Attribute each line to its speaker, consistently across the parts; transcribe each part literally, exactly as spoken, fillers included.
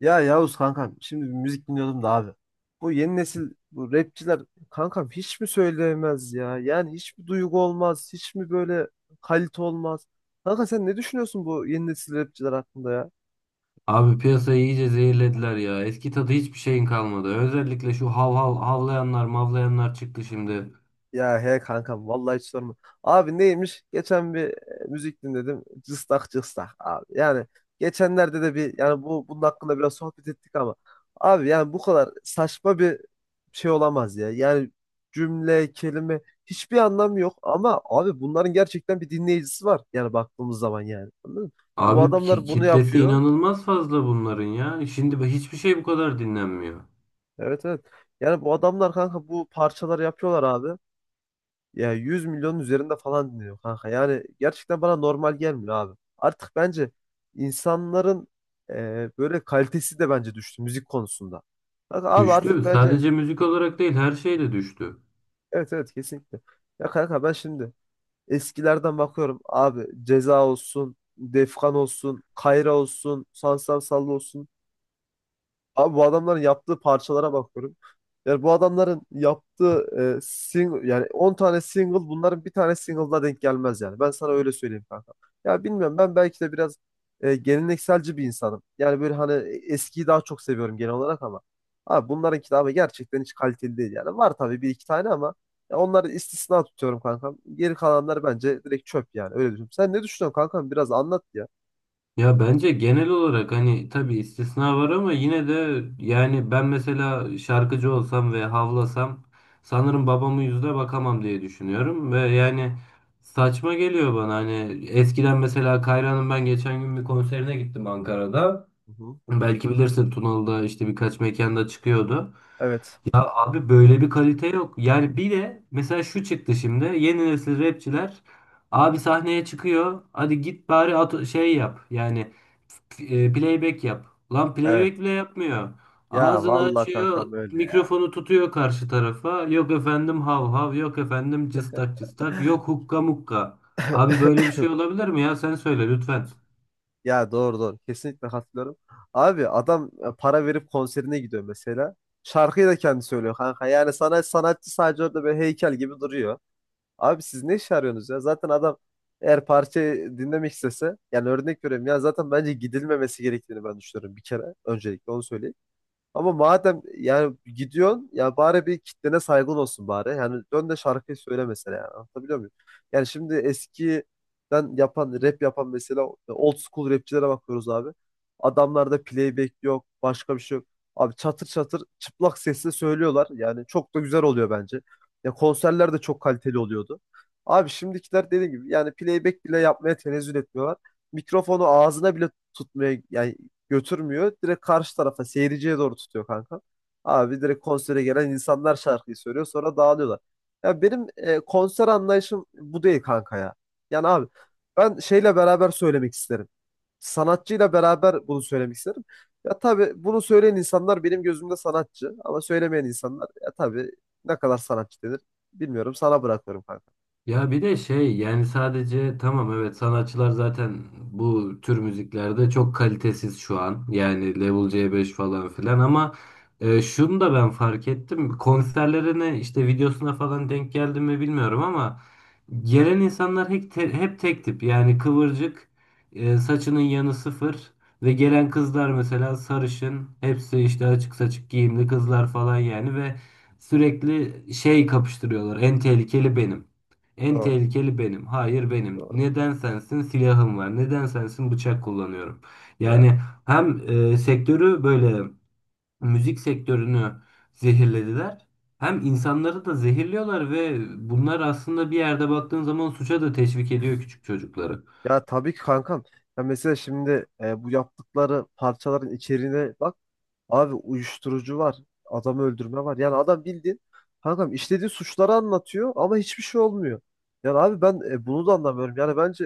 Speaker 1: Ya Yavuz kankam şimdi bir müzik dinliyordum da abi. Bu yeni nesil bu rapçiler kankam hiç mi söyleyemez ya? Yani hiç mi duygu olmaz? Hiç mi böyle kalite olmaz? Kanka sen ne düşünüyorsun bu yeni nesil rapçiler hakkında ya?
Speaker 2: Abi piyasayı iyice zehirlediler ya. Eski tadı hiçbir şeyin kalmadı. Özellikle şu hav hav havlayanlar mavlayanlar çıktı şimdi.
Speaker 1: Ya he kankam vallahi hiç sorma. Abi neymiş? Geçen bir e, müzik dinledim. Cıstak cıstak abi. Yani geçenlerde de bir yani bu bunun hakkında biraz sohbet ettik ama abi yani bu kadar saçma bir şey olamaz ya. Yani cümle, kelime hiçbir anlamı yok ama abi bunların gerçekten bir dinleyicisi var. Yani baktığımız zaman yani. Anladın mı? Ya bu
Speaker 2: Abi ki-
Speaker 1: adamlar bunu
Speaker 2: kitlesi
Speaker 1: yapıyor.
Speaker 2: inanılmaz fazla bunların ya. Şimdi bu- hiçbir şey bu kadar dinlenmiyor.
Speaker 1: Evet, evet. Yani bu adamlar kanka bu parçaları yapıyorlar abi. Ya yüz milyonun üzerinde falan dinliyor kanka. Yani gerçekten bana normal gelmiyor abi. Artık bence insanların e, böyle kalitesi de bence düştü müzik konusunda. Kanka abi
Speaker 2: Düştü.
Speaker 1: artık bence
Speaker 2: Sadece müzik olarak değil her şeyle düştü.
Speaker 1: evet, evet, kesinlikle. Ya kanka ben şimdi eskilerden bakıyorum abi Ceza olsun, Defkan olsun, Kayra olsun, Sansar Sallı olsun. Abi bu adamların yaptığı parçalara bakıyorum. Yani bu adamların yaptığı e, single yani on tane single bunların bir tane single'la denk gelmez yani. Ben sana öyle söyleyeyim kanka. Ya bilmiyorum, ben belki de biraz e, gelenekselci bir insanım. Yani böyle hani eskiyi daha çok seviyorum genel olarak ama abi bunların kitabı gerçekten hiç kaliteli değil yani. Var tabii bir iki tane ama ya onları istisna tutuyorum kankam. Geri kalanlar bence direkt çöp, yani öyle düşünüyorum. Sen ne düşünüyorsun kankam? Biraz anlat ya.
Speaker 2: Ya bence genel olarak hani tabii istisna var ama yine de yani ben mesela şarkıcı olsam ve havlasam sanırım babamın yüzüne bakamam diye düşünüyorum ve yani saçma geliyor bana hani eskiden mesela Kayra'nın ben geçen gün bir konserine gittim Ankara'da.
Speaker 1: Hı hı.
Speaker 2: Belki bilirsin Tunalı'da işte birkaç mekanda çıkıyordu.
Speaker 1: Evet.
Speaker 2: Abi böyle bir kalite yok. Yani bir de mesela şu çıktı şimdi. Yeni nesil rapçiler abi sahneye çıkıyor. Hadi git bari at şey yap. Yani f- e, playback yap. Lan
Speaker 1: Evet.
Speaker 2: playback bile yapmıyor.
Speaker 1: Ya
Speaker 2: Ağzını
Speaker 1: vallahi
Speaker 2: açıyor,
Speaker 1: kankam öyle ya.
Speaker 2: mikrofonu tutuyor karşı tarafa. Yok efendim hav hav, yok efendim cıstak cıstak, yok hukka mukka. Abi böyle bir şey olabilir mi ya? Sen söyle lütfen.
Speaker 1: Ya doğru, doğru. Kesinlikle katılıyorum. Abi adam e, para verip konserine gidiyor mesela. Şarkıyı da kendi söylüyor kanka. Yani sana sanatçı sadece orada böyle heykel gibi duruyor. Abi siz ne iş arıyorsunuz ya? Zaten adam, eğer parçayı dinlemek istese, yani örnek veriyorum ya, zaten bence gidilmemesi gerektiğini ben düşünüyorum bir kere, öncelikle onu söyleyeyim. Ama madem yani gidiyorsun, ya bari bir kitlene saygın olsun bari. Yani dön de şarkıyı söyle mesela yani. Anlatabiliyor muyum? Yani şimdi eskiden yapan rap yapan mesela old school rapçilere bakıyoruz abi. Adamlarda playback yok, başka bir şey yok. Abi çatır çatır çıplak sesle söylüyorlar. Yani çok da güzel oluyor bence. Ya konserler de çok kaliteli oluyordu. Abi şimdikiler dediğim gibi yani playback bile yapmaya tenezzül etmiyorlar. Mikrofonu ağzına bile tutmaya yani götürmüyor. Direkt karşı tarafa, seyirciye doğru tutuyor kanka. Abi direkt konsere gelen insanlar şarkıyı söylüyor, sonra dağılıyorlar. Ya benim e, konser anlayışım bu değil kanka ya. Yani abi ben şeyle beraber söylemek isterim. Sanatçıyla beraber bunu söylemek isterim. Ya tabii bunu söyleyen insanlar benim gözümde sanatçı ama söylemeyen insanlar ya tabii ne kadar sanatçı denir bilmiyorum, sana bırakıyorum kanka.
Speaker 2: Ya bir de şey yani sadece tamam evet sanatçılar zaten bu tür müziklerde çok kalitesiz şu an. Yani Level c beş falan filan ama e, şunu da ben fark ettim. Konserlerine işte videosuna falan denk geldim mi bilmiyorum ama gelen insanlar hep, te- hep tek tip. Yani kıvırcık, e, saçının yanı sıfır ve gelen kızlar mesela sarışın, hepsi işte açık saçık giyimli kızlar falan yani ve sürekli şey kapıştırıyorlar. En tehlikeli benim. En
Speaker 1: Doğru,
Speaker 2: tehlikeli benim. Hayır benim.
Speaker 1: doğru.
Speaker 2: Neden sensin? Silahım var. Neden sensin? Bıçak kullanıyorum.
Speaker 1: Ya
Speaker 2: Yani hem e, sektörü böyle müzik sektörünü zehirlediler. Hem insanları da zehirliyorlar ve bunlar aslında bir yerde baktığın zaman suça da teşvik ediyor küçük çocukları.
Speaker 1: Ya tabii ki kankam. Ya mesela şimdi e, bu yaptıkları parçaların içeriğine bak. Abi uyuşturucu var. Adamı öldürme var. Yani adam bildiğin kankam işlediği suçları anlatıyor ama hiçbir şey olmuyor. Yani abi ben e, bunu da anlamıyorum. Yani bence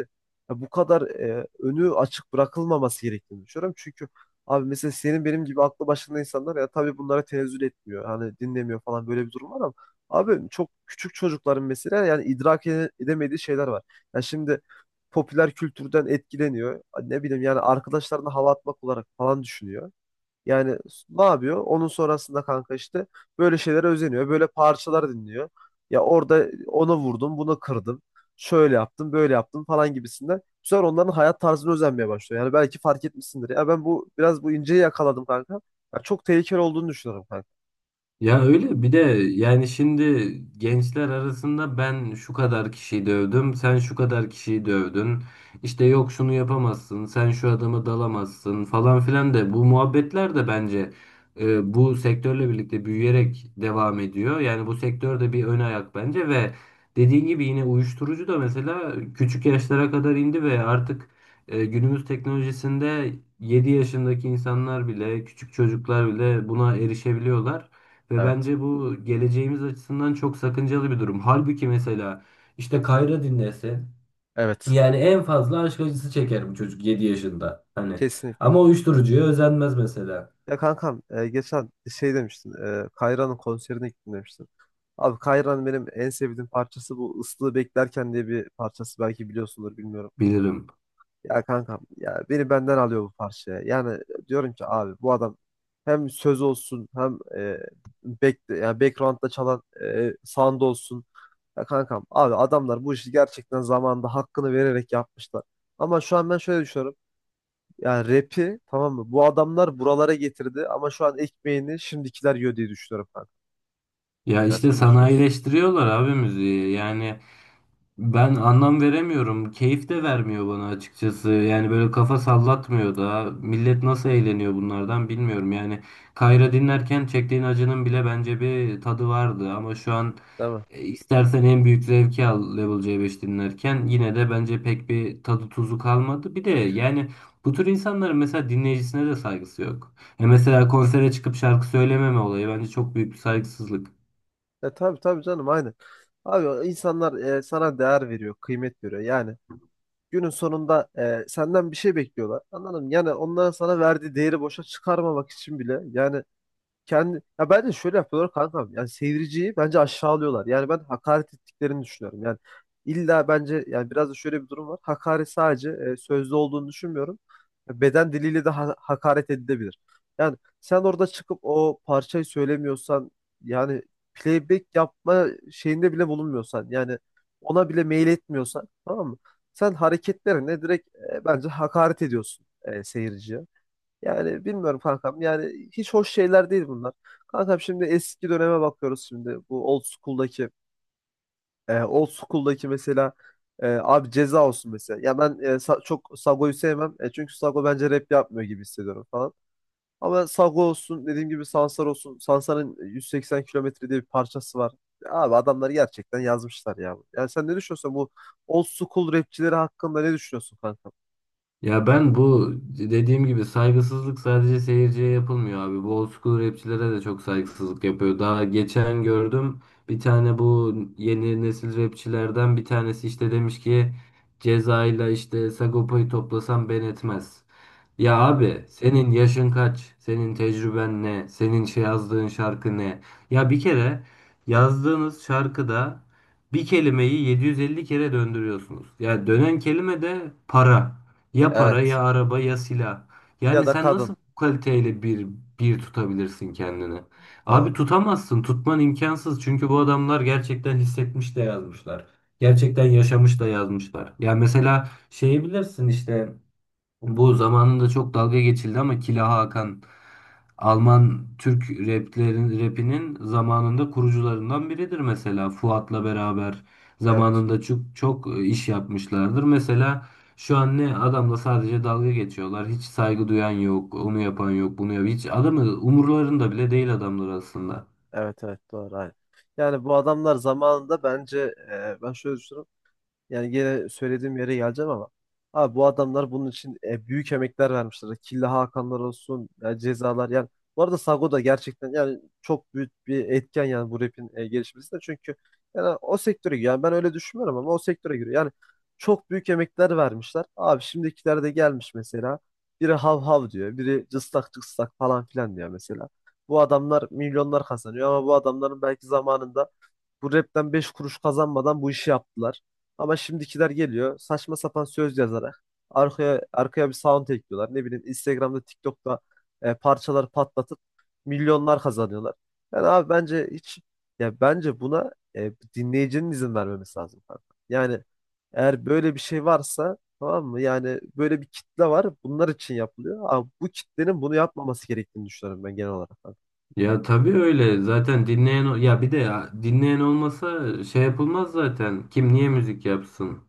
Speaker 1: e, bu kadar e, önü açık bırakılmaması gerektiğini düşünüyorum. Çünkü abi mesela senin benim gibi aklı başında insanlar ya tabii bunlara tenezzül etmiyor. Hani dinlemiyor falan, böyle bir durum var ama abi çok küçük çocukların mesela yani idrak ede- edemediği şeyler var. Ya şimdi popüler kültürden etkileniyor. Ne bileyim yani arkadaşlarına hava atmak olarak falan düşünüyor. Yani ne yapıyor? Onun sonrasında kanka işte böyle şeylere özeniyor. Böyle parçalar dinliyor. Ya orada ona vurdum, bunu kırdım. Şöyle yaptım, böyle yaptım falan gibisinden. Bu sefer onların hayat tarzını özenmeye başlıyor. Yani belki fark etmişsindir. Ya ben bu biraz bu inceyi yakaladım kanka. Ya çok tehlikeli olduğunu düşünüyorum kanka.
Speaker 2: Ya öyle bir de yani şimdi gençler arasında ben şu kadar kişiyi dövdüm, sen şu kadar kişiyi dövdün. İşte yok şunu yapamazsın, sen şu adama dalamazsın falan filan de bu muhabbetler de bence e, bu sektörle birlikte büyüyerek devam ediyor. Yani bu sektör de bir ön ayak bence ve dediğin gibi yine uyuşturucu da mesela küçük yaşlara kadar indi ve artık e, günümüz teknolojisinde yedi yaşındaki insanlar bile, küçük çocuklar bile buna erişebiliyorlar. Ve
Speaker 1: Evet.
Speaker 2: bence bu geleceğimiz açısından çok sakıncalı bir durum. Halbuki mesela işte Kayra dinlese
Speaker 1: Evet.
Speaker 2: yani en fazla aşk acısı çeker bu çocuk yedi yaşında. Hani
Speaker 1: Kesinlikle.
Speaker 2: ama uyuşturucuya özenmez mesela.
Speaker 1: Ya kankam e, geçen şey demiştin. E, Kayra'nın konserine gittim demiştin. Abi Kayra'nın benim en sevdiğim parçası bu Islığı Beklerken diye bir parçası. Belki biliyorsundur bilmiyorum.
Speaker 2: Bilirim.
Speaker 1: Ya kankam ya, beni benden alıyor bu parçaya. Yani diyorum ki abi bu adam hem söz olsun hem e, back, yani background'da çalan e, sound olsun. Ya kankam abi adamlar bu işi gerçekten zamanında hakkını vererek yapmışlar. Ama şu an ben şöyle düşünüyorum. Yani rap'i tamam mı? Bu adamlar buralara getirdi ama şu an ekmeğini şimdikiler yiyor diye düşünüyorum kanka.
Speaker 2: Ya
Speaker 1: Yani
Speaker 2: işte
Speaker 1: sen de düşünüyorsun.
Speaker 2: sanayileştiriyorlar abi müziği. Yani ben anlam veremiyorum. Keyif de vermiyor bana açıkçası. Yani böyle kafa sallatmıyor da. Millet nasıl eğleniyor bunlardan bilmiyorum. Yani Kayra dinlerken çektiğin acının bile bence bir tadı vardı. Ama şu an
Speaker 1: Değil mi?
Speaker 2: e, istersen en büyük zevki al Level C beş dinlerken yine de bence pek bir tadı tuzu kalmadı. Bir de yani bu tür insanların mesela dinleyicisine de saygısı yok. E mesela konsere çıkıp şarkı söylememe olayı bence çok büyük bir saygısızlık.
Speaker 1: E tabii tabii canım, aynen. Abi insanlar e, sana değer veriyor, kıymet veriyor. Yani günün sonunda e, senden bir şey bekliyorlar. Anladın mı? Yani onların sana verdiği değeri boşa çıkarmamak için bile yani kendi ya bence şöyle yapıyorlar kankam. Yani seyirciyi bence aşağılıyorlar. Yani ben hakaret ettiklerini düşünüyorum. Yani illa bence yani biraz da şöyle bir durum var. Hakaret sadece e, sözlü olduğunu düşünmüyorum. Beden diliyle de ha- hakaret edilebilir. Yani sen orada çıkıp o parçayı söylemiyorsan, yani playback yapma şeyinde bile bulunmuyorsan, yani ona bile mail etmiyorsan, tamam mı? Sen hareketlerine direkt e, bence hakaret ediyorsun e, seyirciye. Yani bilmiyorum kankam. Yani hiç hoş şeyler değil bunlar. Kankam şimdi eski döneme bakıyoruz şimdi. Bu old school'daki e, old school'daki mesela e, abi Ceza olsun mesela. Ya ben e, Sa- çok Sago'yu sevmem. E, çünkü Sago bence rap yapmıyor gibi hissediyorum falan. Ama Sago olsun, dediğim gibi Sansar olsun. Sansar'ın yüz seksen kilometre diye bir parçası var. Abi adamlar gerçekten yazmışlar ya. Yani sen ne düşünüyorsun bu old school rapçileri hakkında, ne düşünüyorsun kankam?
Speaker 2: Ya ben bu dediğim gibi saygısızlık sadece seyirciye yapılmıyor abi. Bu old school rapçilere de çok saygısızlık yapıyor. Daha geçen gördüm bir tane bu yeni nesil rapçilerden bir tanesi işte demiş ki Ceza'yla işte Sagopa'yı toplasam ben etmez. Ya
Speaker 1: Hmm.
Speaker 2: abi senin yaşın kaç? Senin tecrüben ne? Senin şey yazdığın şarkı ne? Ya bir kere yazdığınız şarkıda bir kelimeyi yedi yüz elli kere döndürüyorsunuz. Ya dönen kelime de para. Ya para
Speaker 1: Evet.
Speaker 2: ya araba ya silah. Yani
Speaker 1: Ya da
Speaker 2: sen nasıl
Speaker 1: kadın.
Speaker 2: bu kaliteyle bir bir tutabilirsin kendini? Abi
Speaker 1: Doğru.
Speaker 2: tutamazsın. Tutman imkansız. Çünkü bu adamlar gerçekten hissetmiş de yazmışlar. Gerçekten yaşamış da yazmışlar. Ya mesela şeyi bilirsin işte bu zamanında çok dalga geçildi ama Killa Hakan Alman Türk raplerin rapinin zamanında kurucularından biridir mesela. Fuat'la beraber
Speaker 1: Evet.
Speaker 2: zamanında çok çok e, iş yapmışlardır. Mesela şu an ne adamla sadece dalga geçiyorlar. Hiç saygı duyan yok, onu yapan yok, bunu yapan. Hiç adamı umurlarında bile değil adamlar aslında.
Speaker 1: Evet, evet, doğru, aynen. Yani bu adamlar zamanında bence e, ben şöyle düşünüyorum. Yani gene söylediğim yere geleceğim ama. Abi bu adamlar bunun için e, büyük emekler vermişler. Killa Hakanlar olsun, ya cezalar yani. Bu arada Sago da gerçekten yani çok büyük bir etken yani bu rapin e, gelişmesinde. Çünkü yani o sektöre giriyor. Yani ben öyle düşünmüyorum ama o sektöre giriyor. Yani çok büyük emekler vermişler. Abi şimdikiler de gelmiş mesela. Biri hav hav diyor, biri cıstak cıstak falan filan diyor mesela. Bu adamlar milyonlar kazanıyor ama bu adamların belki zamanında bu rapten beş kuruş kazanmadan bu işi yaptılar. Ama şimdikiler geliyor, saçma sapan söz yazarak arkaya arkaya bir sound ekliyorlar. Ne bileyim Instagram'da, TikTok'ta e, parçalar patlatıp milyonlar kazanıyorlar. Yani abi bence hiç, ya bence buna e, dinleyicinin izin vermemesi lazım kanka. Yani eğer böyle bir şey varsa, tamam mı? Yani böyle bir kitle var. Bunlar için yapılıyor. Ama bu kitlenin bunu yapmaması gerektiğini düşünüyorum ben genel olarak.
Speaker 2: Ya tabii öyle. Zaten dinleyen o- ya bir de ya, dinleyen olmasa şey yapılmaz zaten. Kim niye müzik yapsın?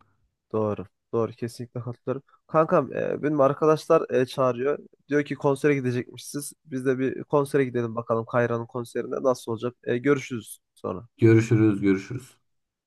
Speaker 1: Doğru. Doğru. Kesinlikle katılıyorum. Kankam e, benim arkadaşlar e, çağırıyor. Diyor ki konsere gidecekmişsiniz. Biz de bir konsere gidelim bakalım Kayra'nın konserine nasıl olacak. E, görüşürüz sonra.
Speaker 2: Görüşürüz, görüşürüz.